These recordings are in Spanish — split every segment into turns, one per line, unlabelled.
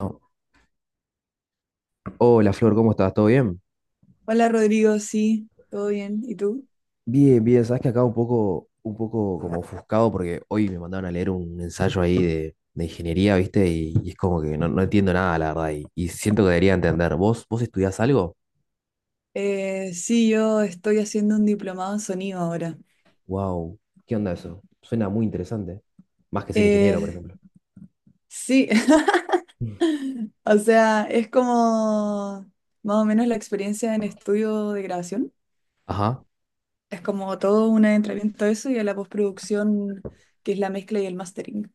No. Hola Flor, ¿cómo estás? ¿Todo bien?
Hola Rodrigo, sí, todo bien. ¿Y tú?
Bien, bien, sabes que acá un poco como ofuscado porque hoy me mandaron a leer un ensayo ahí de ingeniería, ¿viste? Y es como que no, no entiendo nada, la verdad, y siento que debería entender. ¿Vos estudiás algo?
Sí, yo estoy haciendo un diplomado en sonido ahora.
Wow, ¿qué onda eso? Suena muy interesante. Más que ser ingeniero, por
Eh,
ejemplo.
sí, o sea, es como más o menos la experiencia en estudio de grabación.
Ajá.
Es como todo un adentramiento a eso y a la postproducción, que es la mezcla y el mastering.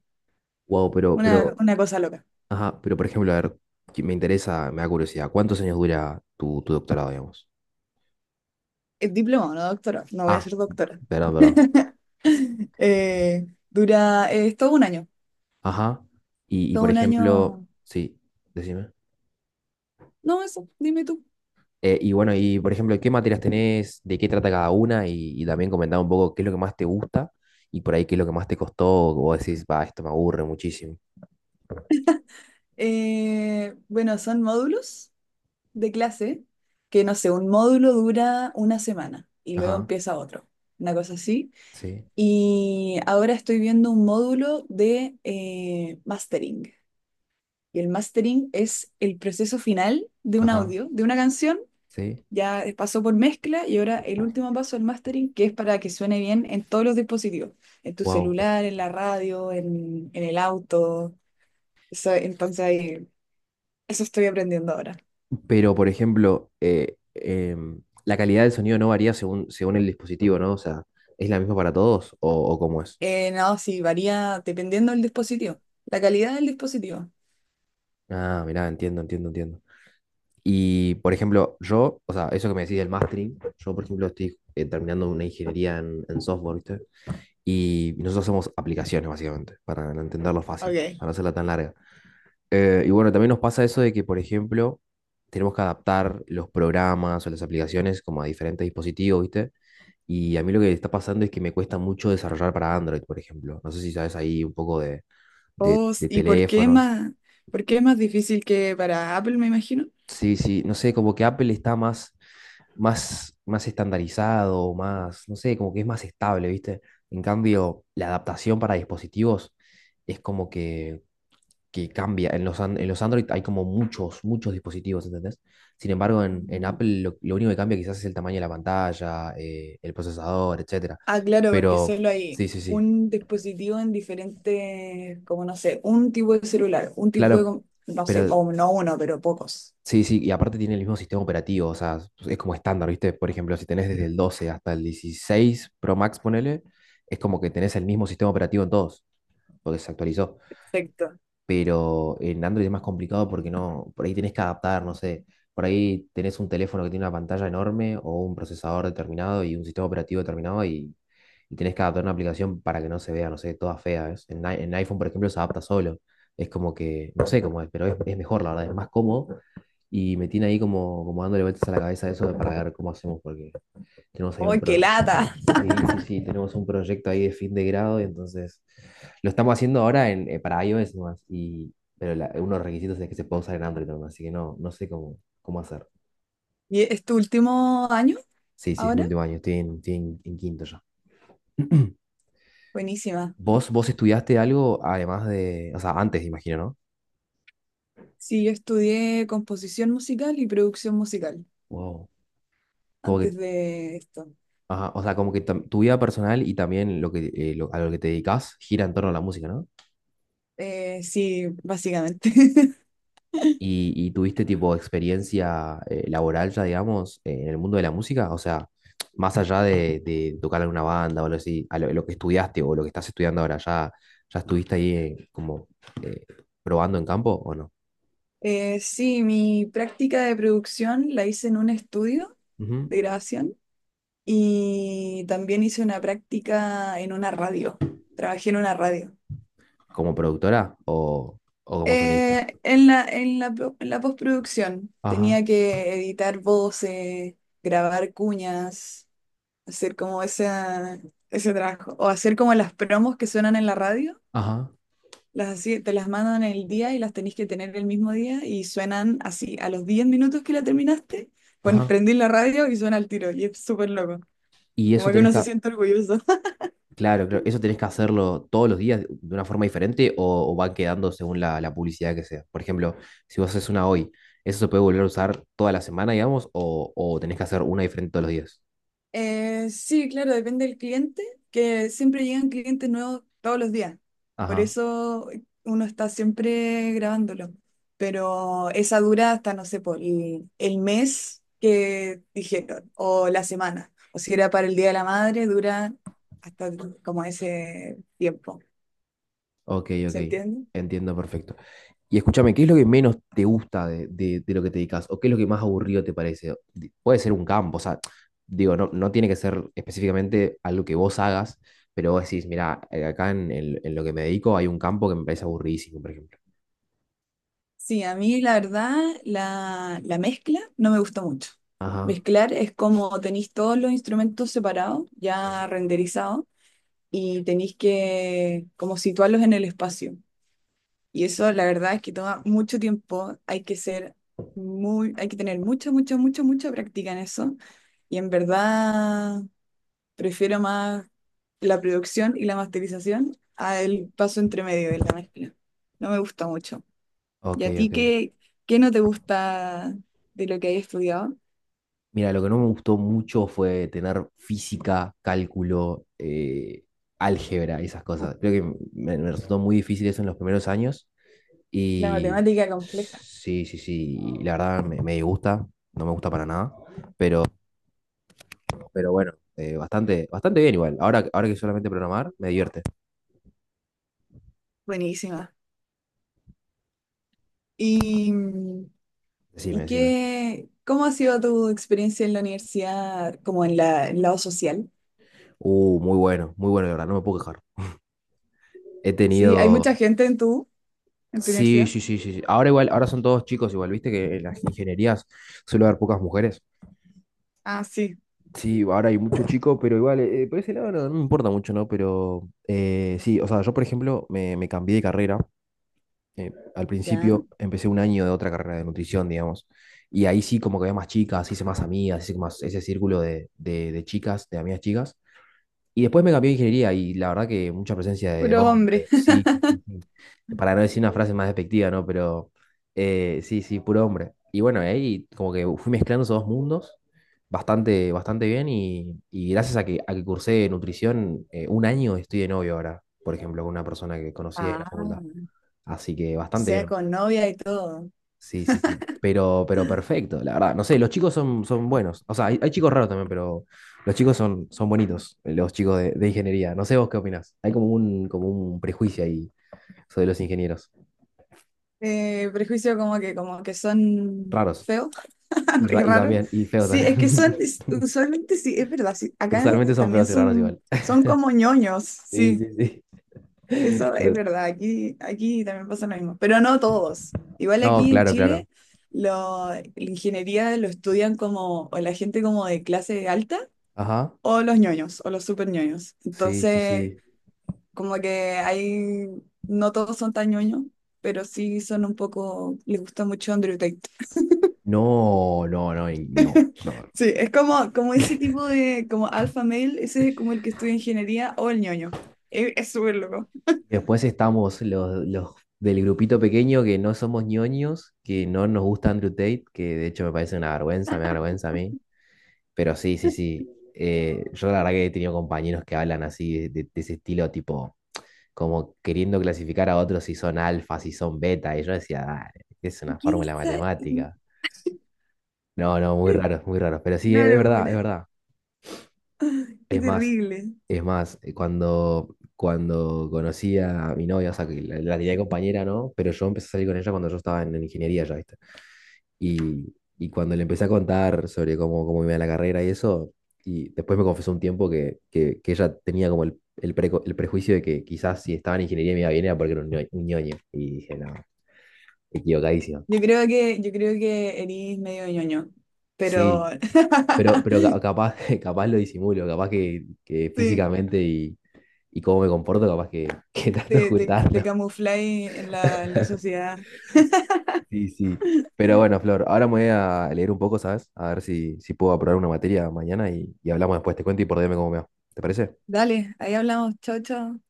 Wow,
Una,
pero,
una cosa loca.
ajá, pero por ejemplo, a ver, que me interesa, me da curiosidad, ¿cuántos años dura tu doctorado, digamos?
Es diplomado, no doctorado. No voy a
Ah,
ser doctora.
perdón, perdón.
Dura, es todo un año.
Ajá. Y,
Todo
por
un
ejemplo,
año.
sí, decime.
No, eso, dime tú.
Y bueno, y por ejemplo, ¿qué materias tenés? ¿De qué trata cada una? Y también comentar un poco qué es lo que más te gusta y por ahí qué es lo que más te costó. O vos decís, va, esto me aburre muchísimo.
Bueno, son módulos de clase que, no sé, un módulo dura una semana y luego
Ajá,
empieza otro, una cosa así.
sí,
Y ahora estoy viendo un módulo de mastering. Y el mastering es el proceso final de un
ajá,
audio, de una canción.
sí.
Ya pasó por mezcla y ahora el último paso del mastering, que es para que suene bien en todos los dispositivos, en tu
Wow.
celular, en la radio, en el auto. Eso- entonces, ahí- Eso estoy aprendiendo ahora.
Pero por ejemplo, la calidad del sonido no varía según, según el dispositivo, ¿no? O sea, ¿es la misma para todos o cómo es?
No, sí, varía dependiendo del dispositivo, la calidad del dispositivo.
Ah, mirá, entiendo, entiendo, entiendo. Y, por ejemplo, yo, o sea, eso que me decís del mastering, yo, por ejemplo, estoy terminando una ingeniería en software, ¿viste? Y nosotros hacemos aplicaciones, básicamente, para entenderlo fácil,
Ok.
para no hacerla tan larga. Y bueno, también nos pasa eso de que, por ejemplo, tenemos que adaptar los programas o las aplicaciones como a diferentes dispositivos, ¿viste? Y a mí lo que está pasando es que me cuesta mucho desarrollar para Android, por ejemplo. No sé si sabes ahí un poco de, de,
Oh, s-
de
¿y por qué es
teléfonos.
más, por qué es más difícil que para Apple, me imagino?
Sí, sí, no sé, como que Apple está más, más, más estandarizado, más, no sé, como que es más estable, ¿viste? En cambio, la adaptación para dispositivos es como que cambia. En los, an- en los Android hay como muchos, muchos dispositivos, ¿entendés? Sin embargo, en
Mm.
Apple lo único que cambia quizás es el tamaño de la pantalla, el procesador, etcétera.
Ah, claro, porque
Pero,
solo hay
sí, sí, sí.
un dispositivo en diferentes, como no sé, un tipo de celular, un tipo de,
Claro,
com- no sé,
pero
o no uno, pero pocos.
sí, sí, y aparte tiene el mismo sistema operativo, o sea, es como estándar, ¿viste? Por ejemplo, si tenés desde el 12 hasta el 16 Pro Max, ponele, es como que tenés el mismo sistema operativo en todos, porque se actualizó,
Perfecto.
pero en Android es más complicado porque no, por ahí tenés que adaptar, no sé, por ahí tenés un teléfono que tiene una pantalla enorme o un procesador determinado y un sistema operativo determinado y tenés que adaptar una aplicación para que no se vea, no sé, toda fea, ¿ves? En, i- en iPhone, por ejemplo, se adapta solo. Es como que, no sé cómo es, pero es mejor, la verdad, es más cómodo. Y me tiene ahí como, como dándole vueltas a la cabeza eso de para ver cómo hacemos, porque tenemos ahí un
¡Ay, qué
proyecto.
lata!
Sí, sí, sí, tenemos un proyecto ahí de fin de grado, y entonces lo estamos haciendo ahora en, para iOS nomás, y, pero la- uno de los requisitos es que se pueda usar en Android nomás, así que no, no sé cómo, cómo hacer.
¿Y es tu último año
Sí, sí, es mi
ahora?
último año, estoy en, estoy en quinto ya.
Buenísima.
¿Vos estudiaste algo además de, o sea, antes, imagino, ¿no?
Sí, yo estudié composición musical y producción musical
Wow. Como que,
antes de esto.
ajá, o sea, como que tam- tu vida personal y también lo que, lo- a lo que te dedicas gira en torno a la música, no.
Sí, básicamente.
¿Y, y tuviste tipo experiencia laboral ya, digamos, en el mundo de la música? O sea, más allá de tocar en una banda o algo así, a lo que estudiaste o lo que estás estudiando ahora, ¿ya, ya estuviste ahí como eh, probando en campo o no?
Sí, mi práctica de producción la hice en un estudio
Ujú.
de grabación y también hice una práctica en una radio. Trabajé en una radio.
¿Como productora o como sonista?
En la postproducción
Ajá,
tenía que editar voces, grabar cuñas, hacer como ese trabajo, o hacer como las promos que suenan en la radio.
ajá,
Las así, te las mandan el día y las tenés que tener el mismo día y suenan así. A los 10 minutos que la terminaste,
ajá.
prendí la radio y suena al tiro. Y es súper loco.
¿Y
Como
eso
que
tenés
uno se
que,
siente orgulloso.
claro, claro. ¿Eso tenés que hacerlo todos los días de una forma diferente o van quedando según la, la publicidad que sea? Por ejemplo, si vos haces una hoy, ¿eso se puede volver a usar toda la semana, digamos, o tenés que hacer una diferente todos los días?
Sí, claro, depende del cliente, que siempre llegan clientes nuevos todos los días. Por
Ajá,
eso uno está siempre grabándolo. Pero esa dura hasta, no sé, por el mes que dijeron, o la semana. O si era para el Día de la Madre, dura hasta como ese tiempo.
ok, ok.
¿Se entiende?
Entiendo perfecto. Y escúchame, ¿qué es lo que menos te gusta de lo que te dedicas? ¿O qué es lo que más aburrido te parece? Di- Puede ser un campo, o sea, digo, no, no tiene que ser específicamente algo que vos hagas, pero vos decís, mira, acá en, el- en lo que me dedico hay un campo que me parece aburridísimo, por ejemplo.
Sí, a mí la verdad, la mezcla no me gusta mucho.
Ajá.
Mezclar es como tenéis todos los instrumentos separados,
Sí.
ya renderizados y tenéis que como situarlos en el espacio. Y eso la verdad es que toma mucho tiempo, hay que ser hay que tener mucha práctica en eso. Y en verdad prefiero más la producción y la masterización al paso entre medio de la mezcla. No me gusta mucho. ¿Y
Ok,
a ti
ok.
qué, Qué no te gusta de lo que hay estudiado?
Mira, lo que no me gustó mucho fue tener física, cálculo, álgebra esas cosas. Creo que me resultó muy difícil eso en los primeros años.
La
Y
matemática compleja.
sí, sí, sí. y la verdad me, me disgusta, no me gusta para nada. Pero, pero bueno, bastante, bastante bien igual. Ahora, ahora que solamente programar, me divierte.
Buenísima. Y mm,
Decime,
¿Y
decime.
qué, cómo ha sido tu experiencia en la universidad, como en en el lado social?
Muy bueno, muy bueno, la verdad, no me puedo quejar. He
Sí, hay
tenido.
mucha gente en en tu
Sí,
universidad.
sí, sí, sí. sí. Ahora igual, ahora son todos chicos igual, viste que en las ingenierías suele haber pocas mujeres.
Ah, sí,
Sí, ahora hay muchos chicos, pero igual, por ese lado no, no me importa mucho, ¿no? Pero sí, o sea, yo por ejemplo me, me cambié de carrera. Al
ya.
principio empecé un año de otra carrera de nutrición, digamos. Y ahí sí como que había más chicas, hice más amigas, hice más ese círculo de chicas, de amigas chicas. Y después me cambió a ingeniería y la verdad que mucha presencia de
Puros hombres.
hombres, sí, sí, sí. para no decir una frase más despectiva, ¿no? Pero sí, sí, puro hombre. Y bueno, ahí como que fui mezclando esos dos mundos bastante, bastante bien y gracias a que cursé nutrición, un año estoy de novio ahora, por ejemplo, con una persona que conocí en
Ah,
la facultad.
o
Así que bastante
sea,
bien.
con novia y todo.
Sí, sí, sí. Pero perfecto, la verdad. No sé, los chicos son, son buenos. O sea, hay chicos raros también, pero los chicos son, son bonitos, los chicos de ingeniería. No sé vos qué opinás. Hay como un prejuicio ahí sobre los ingenieros.
Prejuicio como como que son
Raros.
feos
Y,
y
ra- y
raros.
también, y feos
Sí,
también.
usualmente sí, es verdad, sí. Acá
Usualmente son
también
feos y raros igual.
son como ñoños,
Sí,
sí.
sí, sí.
Eso es
Pero...
verdad, aquí también pasa lo mismo, pero no todos. Igual
No,
aquí en
claro, claro.
Chile, la ingeniería lo estudian como o la gente como de clase alta
Ajá.
o los ñoños o los super ñoños.
Sí, sí,
Entonces,
sí.
como que hay, no todos son tan ñoños, pero sí son un poco, les gusta mucho Andrew Tate.
No, no, no, y no. No,
Sí, es como, como ese tipo de, como alpha male, ese es como el que estudia ingeniería o el ñoño. Es súper loco.
y después estamos los del grupito pequeño que no somos ñoños, que no nos gusta Andrew Tate, que de hecho me parece una vergüenza, me da vergüenza a mí. Pero sí, sí, sí. Yo la verdad que he tenido compañeros que hablan así, de ese estilo, tipo, como queriendo clasificar a otros si son alfa, si son beta. Y yo decía, "Dale, es una fórmula
Quizá-
matemática". No, no, muy raro, muy raro. Pero sí, es
Una
verdad, es
locura,
verdad.
qué
Es más,
terrible.
es más, cuando, cuando conocí a mi novia, o sea, que la tenía de compañera, ¿no? Pero yo empecé a salir con ella cuando yo estaba en ingeniería ya, ¿viste? Y cuando le empecé a contar sobre cómo, cómo iba la carrera y eso, y después me confesó un tiempo que ella tenía como el, preco- el prejuicio de que quizás si estaba en ingeniería me iba bien era porque era un, ño- un ñoño. Y dije, no, equivocadísimo.
Yo creo que eres medio ñoño, pero
Sí, pero ca- capaz, capaz lo disimulo, capaz que
sí,
físicamente y cómo me comporto, capaz que, que trato de
te
ocultarlo.
camufláis en en la sociedad.
Sí, sí. Pero bueno, Flor, ahora me voy a leer un poco, ¿sabes? A ver si, si puedo aprobar una materia mañana y hablamos después. Te cuento y por DM cómo me va. ¿Te parece?
Dale, ahí hablamos. Chao, chao.